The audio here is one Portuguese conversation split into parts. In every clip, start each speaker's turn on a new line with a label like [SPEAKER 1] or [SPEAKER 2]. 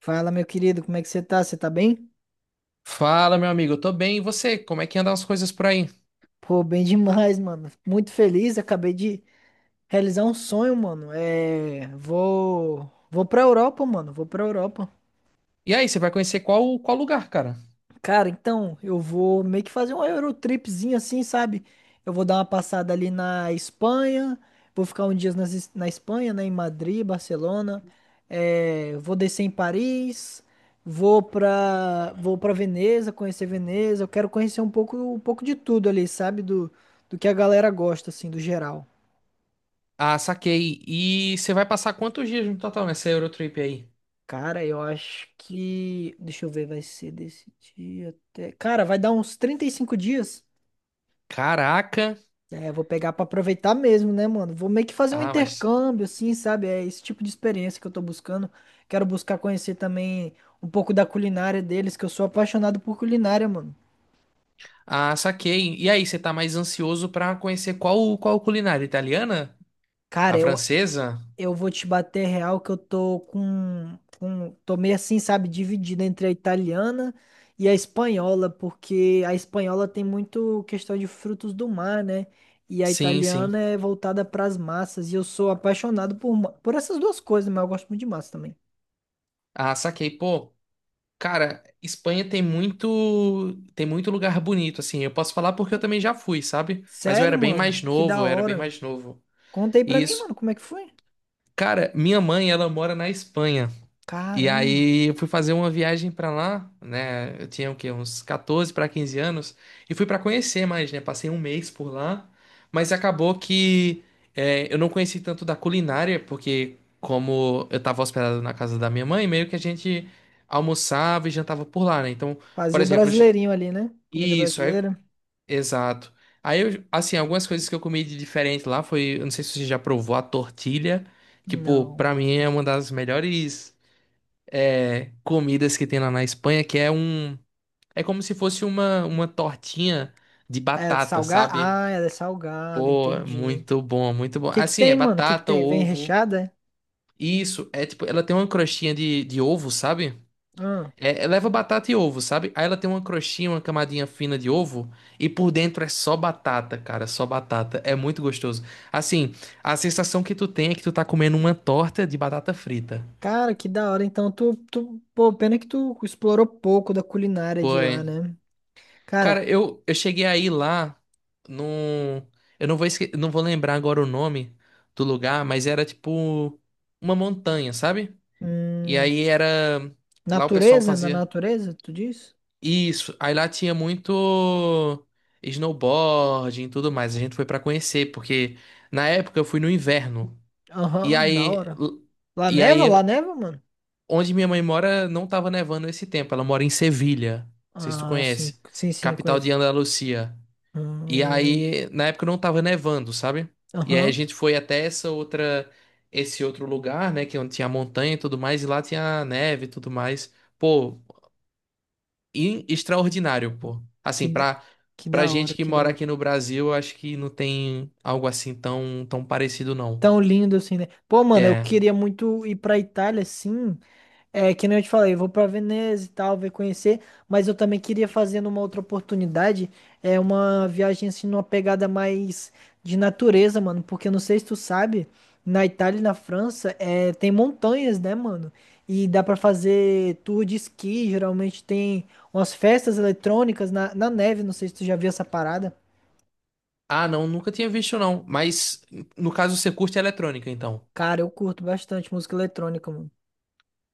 [SPEAKER 1] Fala, meu querido, como é que você tá? Você tá bem?
[SPEAKER 2] Fala, meu amigo, eu tô bem. E você? Como é que andam as coisas por aí?
[SPEAKER 1] Pô, bem demais, mano. Muito feliz, acabei de realizar um sonho, mano. Vou pra Europa, mano. Vou pra Europa.
[SPEAKER 2] E aí, você vai conhecer qual lugar, cara?
[SPEAKER 1] Cara, então, eu vou meio que fazer um Eurotripzinho assim, sabe? Eu vou dar uma passada ali na Espanha, vou ficar um dia na Espanha, né? Em Madrid, Barcelona. É, vou descer em Paris, vou pra Veneza, conhecer Veneza. Eu quero conhecer um pouco de tudo ali, sabe? Do que a galera gosta, assim, do geral.
[SPEAKER 2] Ah, saquei. E você vai passar quantos dias no total nessa Eurotrip aí?
[SPEAKER 1] Cara, eu acho que. Deixa eu ver, vai ser desse dia até. Cara, vai dar uns 35 dias.
[SPEAKER 2] Caraca!
[SPEAKER 1] É, vou pegar pra aproveitar mesmo, né, mano? Vou meio que fazer um
[SPEAKER 2] Ah, mas.
[SPEAKER 1] intercâmbio, assim, sabe? É esse tipo de experiência que eu tô buscando. Quero buscar conhecer também um pouco da culinária deles, que eu sou apaixonado por culinária, mano.
[SPEAKER 2] Ah, saquei. E aí, você tá mais ansioso pra conhecer qual culinária italiana?
[SPEAKER 1] Cara,
[SPEAKER 2] A
[SPEAKER 1] eu,
[SPEAKER 2] francesa?
[SPEAKER 1] eu vou te bater real que eu tô com, com. Tô meio assim, sabe? Dividido entre a italiana e a espanhola, porque a espanhola tem muito questão de frutos do mar, né? E a
[SPEAKER 2] Sim, sim.
[SPEAKER 1] italiana é voltada pras massas. E eu sou apaixonado por essas duas coisas, mas eu gosto muito de massa também.
[SPEAKER 2] Ah, saquei. Pô, cara, Espanha tem muito lugar bonito, assim. Eu posso falar porque eu também já fui, sabe? Mas eu
[SPEAKER 1] Sério,
[SPEAKER 2] era bem mais
[SPEAKER 1] mano? Que
[SPEAKER 2] novo,
[SPEAKER 1] da
[SPEAKER 2] eu era bem
[SPEAKER 1] hora.
[SPEAKER 2] mais novo.
[SPEAKER 1] Conta aí pra mim,
[SPEAKER 2] Isso.
[SPEAKER 1] mano, como é que foi?
[SPEAKER 2] Cara, minha mãe, ela mora na Espanha. E
[SPEAKER 1] Caramba.
[SPEAKER 2] aí eu fui fazer uma viagem pra lá, né? Eu tinha o quê? Uns 14 para 15 anos e fui pra conhecer mais, né? Passei um mês por lá, mas acabou que eu não conheci tanto da culinária, porque como eu tava hospedado na casa da minha mãe, meio que a gente almoçava e jantava por lá, né? Então, por
[SPEAKER 1] Fazia o
[SPEAKER 2] exemplo,
[SPEAKER 1] brasileirinho ali, né? Comida
[SPEAKER 2] isso, aí.
[SPEAKER 1] brasileira?
[SPEAKER 2] Exato. Aí, eu, assim, algumas coisas que eu comi de diferente lá foi, eu não sei se você já provou a tortilha, que, pô,
[SPEAKER 1] Não.
[SPEAKER 2] pra mim é uma das melhores comidas que tem lá na Espanha, que é é como se fosse uma tortinha de
[SPEAKER 1] É
[SPEAKER 2] batata,
[SPEAKER 1] salgada?
[SPEAKER 2] sabe?
[SPEAKER 1] Ah, ela é salgada,
[SPEAKER 2] Pô, é
[SPEAKER 1] entendi. O
[SPEAKER 2] muito bom, muito bom.
[SPEAKER 1] que que
[SPEAKER 2] Assim, é
[SPEAKER 1] tem, mano? O que que
[SPEAKER 2] batata,
[SPEAKER 1] tem? Vem
[SPEAKER 2] ovo,
[SPEAKER 1] recheada? É?
[SPEAKER 2] isso, é tipo, ela tem uma crostinha de ovo, sabe?
[SPEAKER 1] Ah,
[SPEAKER 2] Leva batata e ovo, sabe? Aí ela tem uma crostinha, uma camadinha fina de ovo e por dentro é só batata, cara, só batata. É muito gostoso. Assim, a sensação que tu tem é que tu tá comendo uma torta de batata frita.
[SPEAKER 1] cara, que da hora. Então, pô, pena que tu explorou pouco da culinária de
[SPEAKER 2] Pô,
[SPEAKER 1] lá,
[SPEAKER 2] é.
[SPEAKER 1] né?
[SPEAKER 2] Cara,
[SPEAKER 1] Cara,
[SPEAKER 2] eu cheguei aí lá num. Eu não vou não vou lembrar agora o nome do lugar, mas era tipo uma montanha, sabe? E
[SPEAKER 1] hum,
[SPEAKER 2] aí era. Lá o pessoal
[SPEAKER 1] natureza? Na
[SPEAKER 2] fazia.
[SPEAKER 1] natureza, tu diz?
[SPEAKER 2] Isso, aí lá tinha muito snowboarding e tudo mais. A gente foi pra conhecer, porque na época eu fui no inverno. E
[SPEAKER 1] Aham, da
[SPEAKER 2] aí,
[SPEAKER 1] hora. Lá
[SPEAKER 2] e
[SPEAKER 1] neva?
[SPEAKER 2] aí
[SPEAKER 1] Lá neva, mano?
[SPEAKER 2] onde minha mãe mora não tava nevando esse tempo. Ela mora em Sevilha, não sei se tu
[SPEAKER 1] Ah, sim,
[SPEAKER 2] conhece,
[SPEAKER 1] sim, sim,
[SPEAKER 2] capital de
[SPEAKER 1] conheço.
[SPEAKER 2] Andalucia. E
[SPEAKER 1] Hum.
[SPEAKER 2] aí, na época não tava nevando, sabe? E aí a
[SPEAKER 1] Aham.
[SPEAKER 2] gente foi até essa outra esse outro lugar, né, que é onde tinha montanha e tudo mais, e lá tinha neve e tudo mais. Pô, extraordinário, pô.
[SPEAKER 1] Que,
[SPEAKER 2] Assim,
[SPEAKER 1] da-
[SPEAKER 2] pra,
[SPEAKER 1] que
[SPEAKER 2] pra
[SPEAKER 1] da
[SPEAKER 2] gente
[SPEAKER 1] hora,
[SPEAKER 2] que
[SPEAKER 1] que da
[SPEAKER 2] mora aqui
[SPEAKER 1] hora.
[SPEAKER 2] no Brasil, eu acho que não tem algo assim tão, tão parecido, não.
[SPEAKER 1] Tão lindo assim, né? Pô, mano, eu
[SPEAKER 2] É.
[SPEAKER 1] queria muito ir pra Itália, sim. É, que nem eu te falei, eu vou pra Veneza e tal, ver conhecer. Mas eu também queria fazer numa outra oportunidade, é uma viagem assim, numa pegada mais de natureza, mano. Porque eu não sei se tu sabe, na Itália e na França, é, tem montanhas, né, mano? E dá pra fazer tour de esqui, geralmente tem umas festas eletrônicas na neve, não sei se tu já viu essa parada.
[SPEAKER 2] Ah, não, nunca tinha visto, não. Mas, no caso, você curte eletrônica, então.
[SPEAKER 1] Cara, eu curto bastante música eletrônica, mano.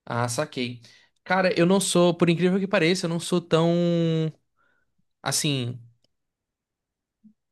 [SPEAKER 2] Ah, saquei. Cara, eu não sou, por incrível que pareça, eu não sou tão, assim,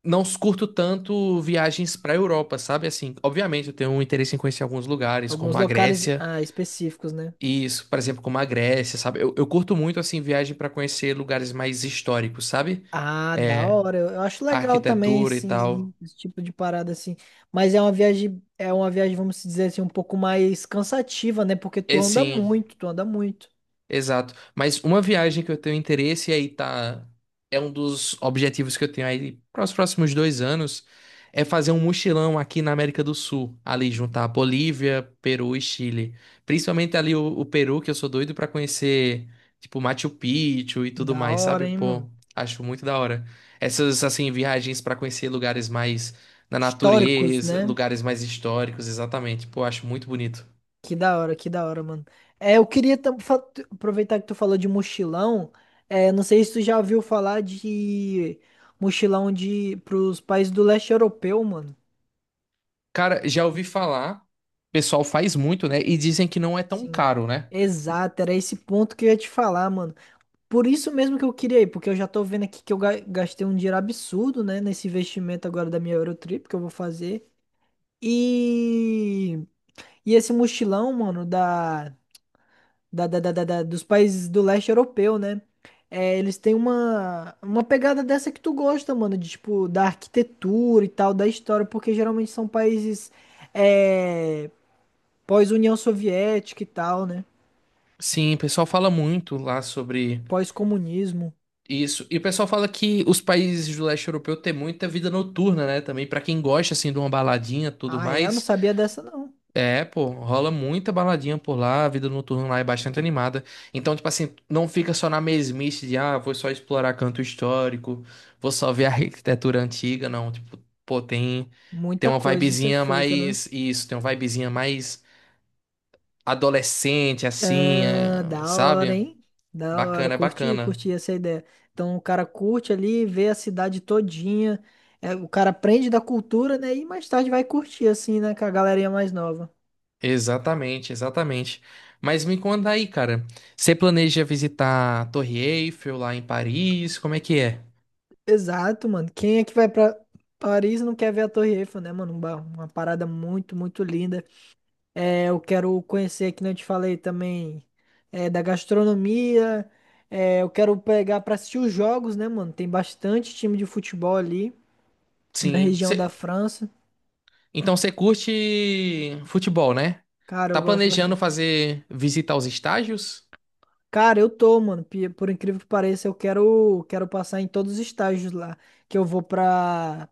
[SPEAKER 2] não curto tanto viagens pra Europa, sabe? Assim, obviamente, eu tenho um interesse em conhecer alguns lugares,
[SPEAKER 1] Alguns
[SPEAKER 2] como a
[SPEAKER 1] locais
[SPEAKER 2] Grécia.
[SPEAKER 1] ah, específicos, né?
[SPEAKER 2] Isso, por exemplo, como a Grécia, sabe? Eu curto muito, assim, viagem para conhecer lugares mais históricos, sabe?
[SPEAKER 1] Ah, da
[SPEAKER 2] É,
[SPEAKER 1] hora. Eu acho
[SPEAKER 2] a
[SPEAKER 1] legal também,
[SPEAKER 2] arquitetura e
[SPEAKER 1] assim,
[SPEAKER 2] tal.
[SPEAKER 1] ir esse tipo de parada, assim. Mas é uma viagem, vamos dizer assim, um pouco mais cansativa, né? Porque tu
[SPEAKER 2] É
[SPEAKER 1] anda
[SPEAKER 2] sim.
[SPEAKER 1] muito, tu anda muito.
[SPEAKER 2] Exato. Mas uma viagem que eu tenho interesse e aí tá. É um dos objetivos que eu tenho aí para os próximos 2 anos é fazer um mochilão aqui na América do Sul, ali juntar Bolívia, Peru e Chile. Principalmente ali o Peru, que eu sou doido para conhecer, tipo Machu Picchu e tudo
[SPEAKER 1] Da
[SPEAKER 2] mais,
[SPEAKER 1] hora,
[SPEAKER 2] sabe?
[SPEAKER 1] hein, mano?
[SPEAKER 2] Pô, acho muito da hora. Essas assim viagens para conhecer lugares mais na
[SPEAKER 1] Históricos,
[SPEAKER 2] natureza,
[SPEAKER 1] né?
[SPEAKER 2] lugares mais históricos, exatamente. Pô, acho muito bonito.
[SPEAKER 1] Que da hora, mano. É, eu queria aproveitar que tu falou de mochilão. É, não sei se tu já ouviu falar de mochilão de pros países do leste europeu, mano.
[SPEAKER 2] Cara, já ouvi falar, o pessoal faz muito, né? E dizem que não é tão
[SPEAKER 1] Sim,
[SPEAKER 2] caro, né?
[SPEAKER 1] exato, era esse ponto que eu ia te falar, mano. Por isso mesmo que eu queria ir, porque eu já tô vendo aqui que eu gastei um dinheiro absurdo, né, nesse investimento agora da minha Eurotrip que eu vou fazer. E, e esse mochilão, mano, dos países do leste europeu, né? É, eles têm uma pegada dessa que tu gosta, mano, de tipo, da arquitetura e tal, da história, porque geralmente são países é, pós-União Soviética e tal, né?
[SPEAKER 2] Sim, o pessoal fala muito lá sobre
[SPEAKER 1] Pós-comunismo.
[SPEAKER 2] isso. E o pessoal fala que os países do leste europeu têm muita vida noturna, né? Também pra quem gosta assim de uma baladinha, e tudo
[SPEAKER 1] Ah, é? Eu não
[SPEAKER 2] mais.
[SPEAKER 1] sabia dessa, não.
[SPEAKER 2] É, pô, rola muita baladinha por lá, a vida noturna lá é bastante animada. Então, tipo assim, não fica só na mesmice de, ah, vou só explorar canto histórico, vou só ver a arquitetura antiga, não, tipo, pô, tem tem
[SPEAKER 1] Muita
[SPEAKER 2] uma
[SPEAKER 1] coisa a ser
[SPEAKER 2] vibezinha
[SPEAKER 1] feita, né?
[SPEAKER 2] mais isso, tem uma vibezinha mais adolescente, assim, é,
[SPEAKER 1] Ah, da hora,
[SPEAKER 2] sabe?
[SPEAKER 1] hein? Da hora.
[SPEAKER 2] Bacana, é
[SPEAKER 1] Curti,
[SPEAKER 2] bacana.
[SPEAKER 1] curti essa ideia. Então o cara curte ali, vê a cidade todinha. É, o cara aprende da cultura, né? E mais tarde vai curtir, assim, né? Com a galerinha mais nova.
[SPEAKER 2] Exatamente, exatamente. Mas me conta aí, cara. Você planeja visitar a Torre Eiffel lá em Paris? Como é que é?
[SPEAKER 1] Exato, mano. Quem é que vai pra Paris e não quer ver a Torre Eiffel, né, mano? Uma parada muito, muito linda. É, eu quero conhecer, que nem eu te falei também, é, da gastronomia. É, eu quero pegar pra assistir os jogos, né, mano? Tem bastante time de futebol ali na
[SPEAKER 2] Sim.
[SPEAKER 1] região da França.
[SPEAKER 2] Então você curte futebol, né?
[SPEAKER 1] Cara, eu
[SPEAKER 2] Tá
[SPEAKER 1] gosto
[SPEAKER 2] planejando
[SPEAKER 1] bastante.
[SPEAKER 2] fazer visitar os estágios?
[SPEAKER 1] Cara, eu tô, mano. Por incrível que pareça, quero passar em todos os estágios lá. Que eu vou pra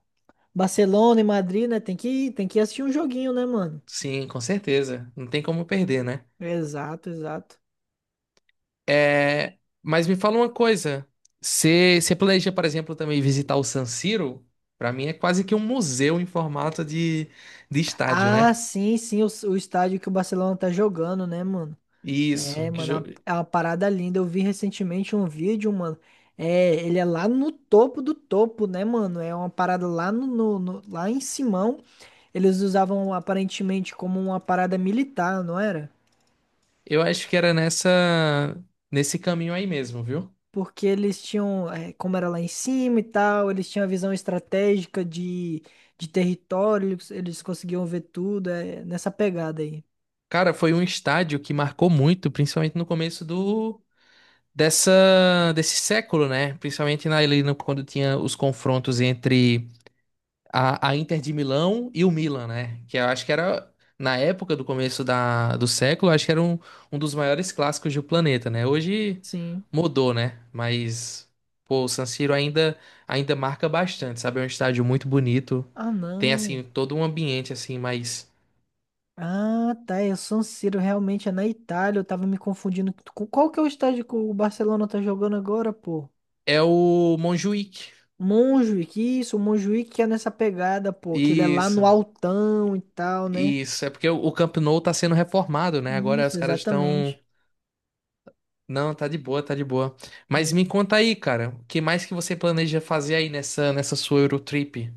[SPEAKER 1] Barcelona e Madrid, né? Tem que assistir um joguinho, né, mano?
[SPEAKER 2] Sim, com certeza. Não tem como perder, né?
[SPEAKER 1] Exato, exato.
[SPEAKER 2] É, mas me fala uma coisa. Você planeja, por exemplo, também visitar o San Siro? Para mim é quase que um museu em formato de estádio,
[SPEAKER 1] Ah,
[SPEAKER 2] né?
[SPEAKER 1] sim, sim, o estádio que o Barcelona tá jogando, né, mano?
[SPEAKER 2] Isso.
[SPEAKER 1] É, mano, é uma parada linda. Eu vi recentemente um vídeo, mano. É, ele é lá no topo do topo, né, mano? É uma parada lá lá em Simão. Eles usavam aparentemente como uma parada militar, não era?
[SPEAKER 2] Eu acho que era nessa nesse caminho aí mesmo, viu?
[SPEAKER 1] Porque eles tinham, é, como era lá em cima e tal, eles tinham a visão estratégica de território, eles conseguiam ver tudo, é, nessa pegada aí.
[SPEAKER 2] Cara, foi um estádio que marcou muito, principalmente no começo do dessa desse século, né? Principalmente na, ali no- quando tinha os confrontos entre a Inter de Milão e o Milan, né? Que eu acho que era, na época do começo da, do século, eu acho que era um, um dos maiores clássicos do planeta, né? Hoje
[SPEAKER 1] Sim.
[SPEAKER 2] mudou, né? Mas, pô, o San Siro ainda, ainda marca bastante, sabe? É um estádio muito bonito.
[SPEAKER 1] Ah,
[SPEAKER 2] Tem, assim,
[SPEAKER 1] não.
[SPEAKER 2] todo um ambiente, assim, mas...
[SPEAKER 1] Ah, tá. E o San Siro realmente é na Itália. Eu tava me confundindo com qual que é o estádio que o Barcelona tá jogando agora, pô?
[SPEAKER 2] É o Montjuïc.
[SPEAKER 1] Montjuïc, isso, o Montjuïc que é nessa pegada, pô, que ele é lá no
[SPEAKER 2] Isso,
[SPEAKER 1] altão e tal, né?
[SPEAKER 2] isso. É porque o Camp Nou tá sendo reformado, né? Agora
[SPEAKER 1] Isso,
[SPEAKER 2] os caras estão.
[SPEAKER 1] exatamente.
[SPEAKER 2] Não, tá de boa, tá de boa. Mas
[SPEAKER 1] Hum.
[SPEAKER 2] me conta aí, cara, o que mais que você planeja fazer aí nessa sua Eurotrip?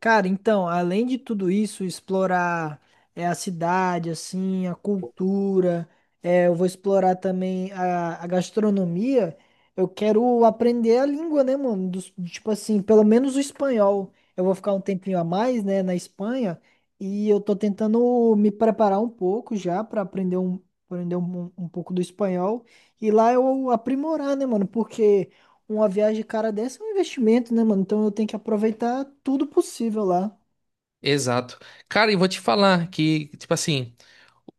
[SPEAKER 1] Cara, então, além de tudo isso, explorar é, a cidade, assim, a cultura, é, eu vou explorar também a gastronomia. Eu quero aprender a língua, né, mano? Dos- tipo assim, pelo menos o espanhol. Eu vou ficar um tempinho a mais, né, na Espanha, e eu tô tentando me preparar um pouco já para aprender aprender um pouco do espanhol. E lá eu aprimorar, né, mano? Porque. Uma viagem cara dessa é um investimento, né, mano? Então eu tenho que aproveitar tudo possível lá.
[SPEAKER 2] Exato. Cara, e vou te falar que, tipo assim,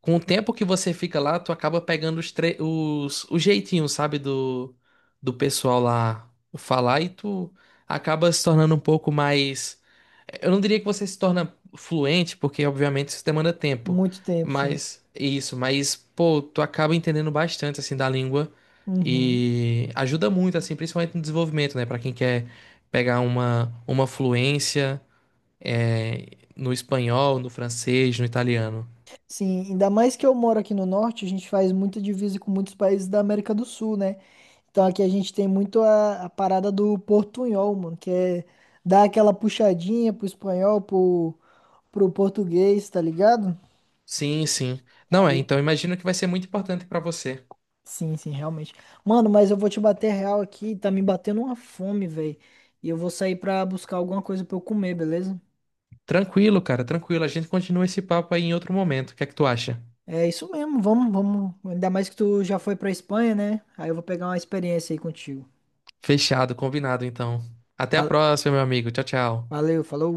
[SPEAKER 2] com o tempo que você fica lá, tu acaba pegando os jeitinhos, sabe, do pessoal lá falar e tu acaba se tornando um pouco mais. Eu não diria que você se torna fluente, porque obviamente isso demanda tempo.
[SPEAKER 1] Muito tempo, sim.
[SPEAKER 2] Mas isso, mas pô, tu acaba entendendo bastante assim da língua
[SPEAKER 1] Uhum.
[SPEAKER 2] e ajuda muito assim, principalmente no desenvolvimento, né, para quem quer pegar uma fluência é, no espanhol, no francês, no italiano.
[SPEAKER 1] Sim, ainda mais que eu moro aqui no norte, a gente faz muita divisa com muitos países da América do Sul, né? Então aqui a gente tem muito a parada do portunhol, mano, que é dar aquela puxadinha pro espanhol, pro português, tá ligado?
[SPEAKER 2] Sim, sim. Não é,
[SPEAKER 1] Aí,
[SPEAKER 2] então imagino que vai ser muito importante para você.
[SPEAKER 1] sim, sim, realmente. Mano, mas eu vou te bater real aqui, tá me batendo uma fome, velho. E eu vou sair pra buscar alguma coisa pra eu comer, beleza?
[SPEAKER 2] Tranquilo, cara, tranquilo. A gente continua esse papo aí em outro momento. O que é que tu acha?
[SPEAKER 1] É isso mesmo, vamos, vamos. Ainda mais que tu já foi pra Espanha, né? Aí eu vou pegar uma experiência aí contigo.
[SPEAKER 2] Fechado, combinado então. Até a
[SPEAKER 1] Val-
[SPEAKER 2] próxima, meu amigo. Tchau, tchau.
[SPEAKER 1] Valeu, falou.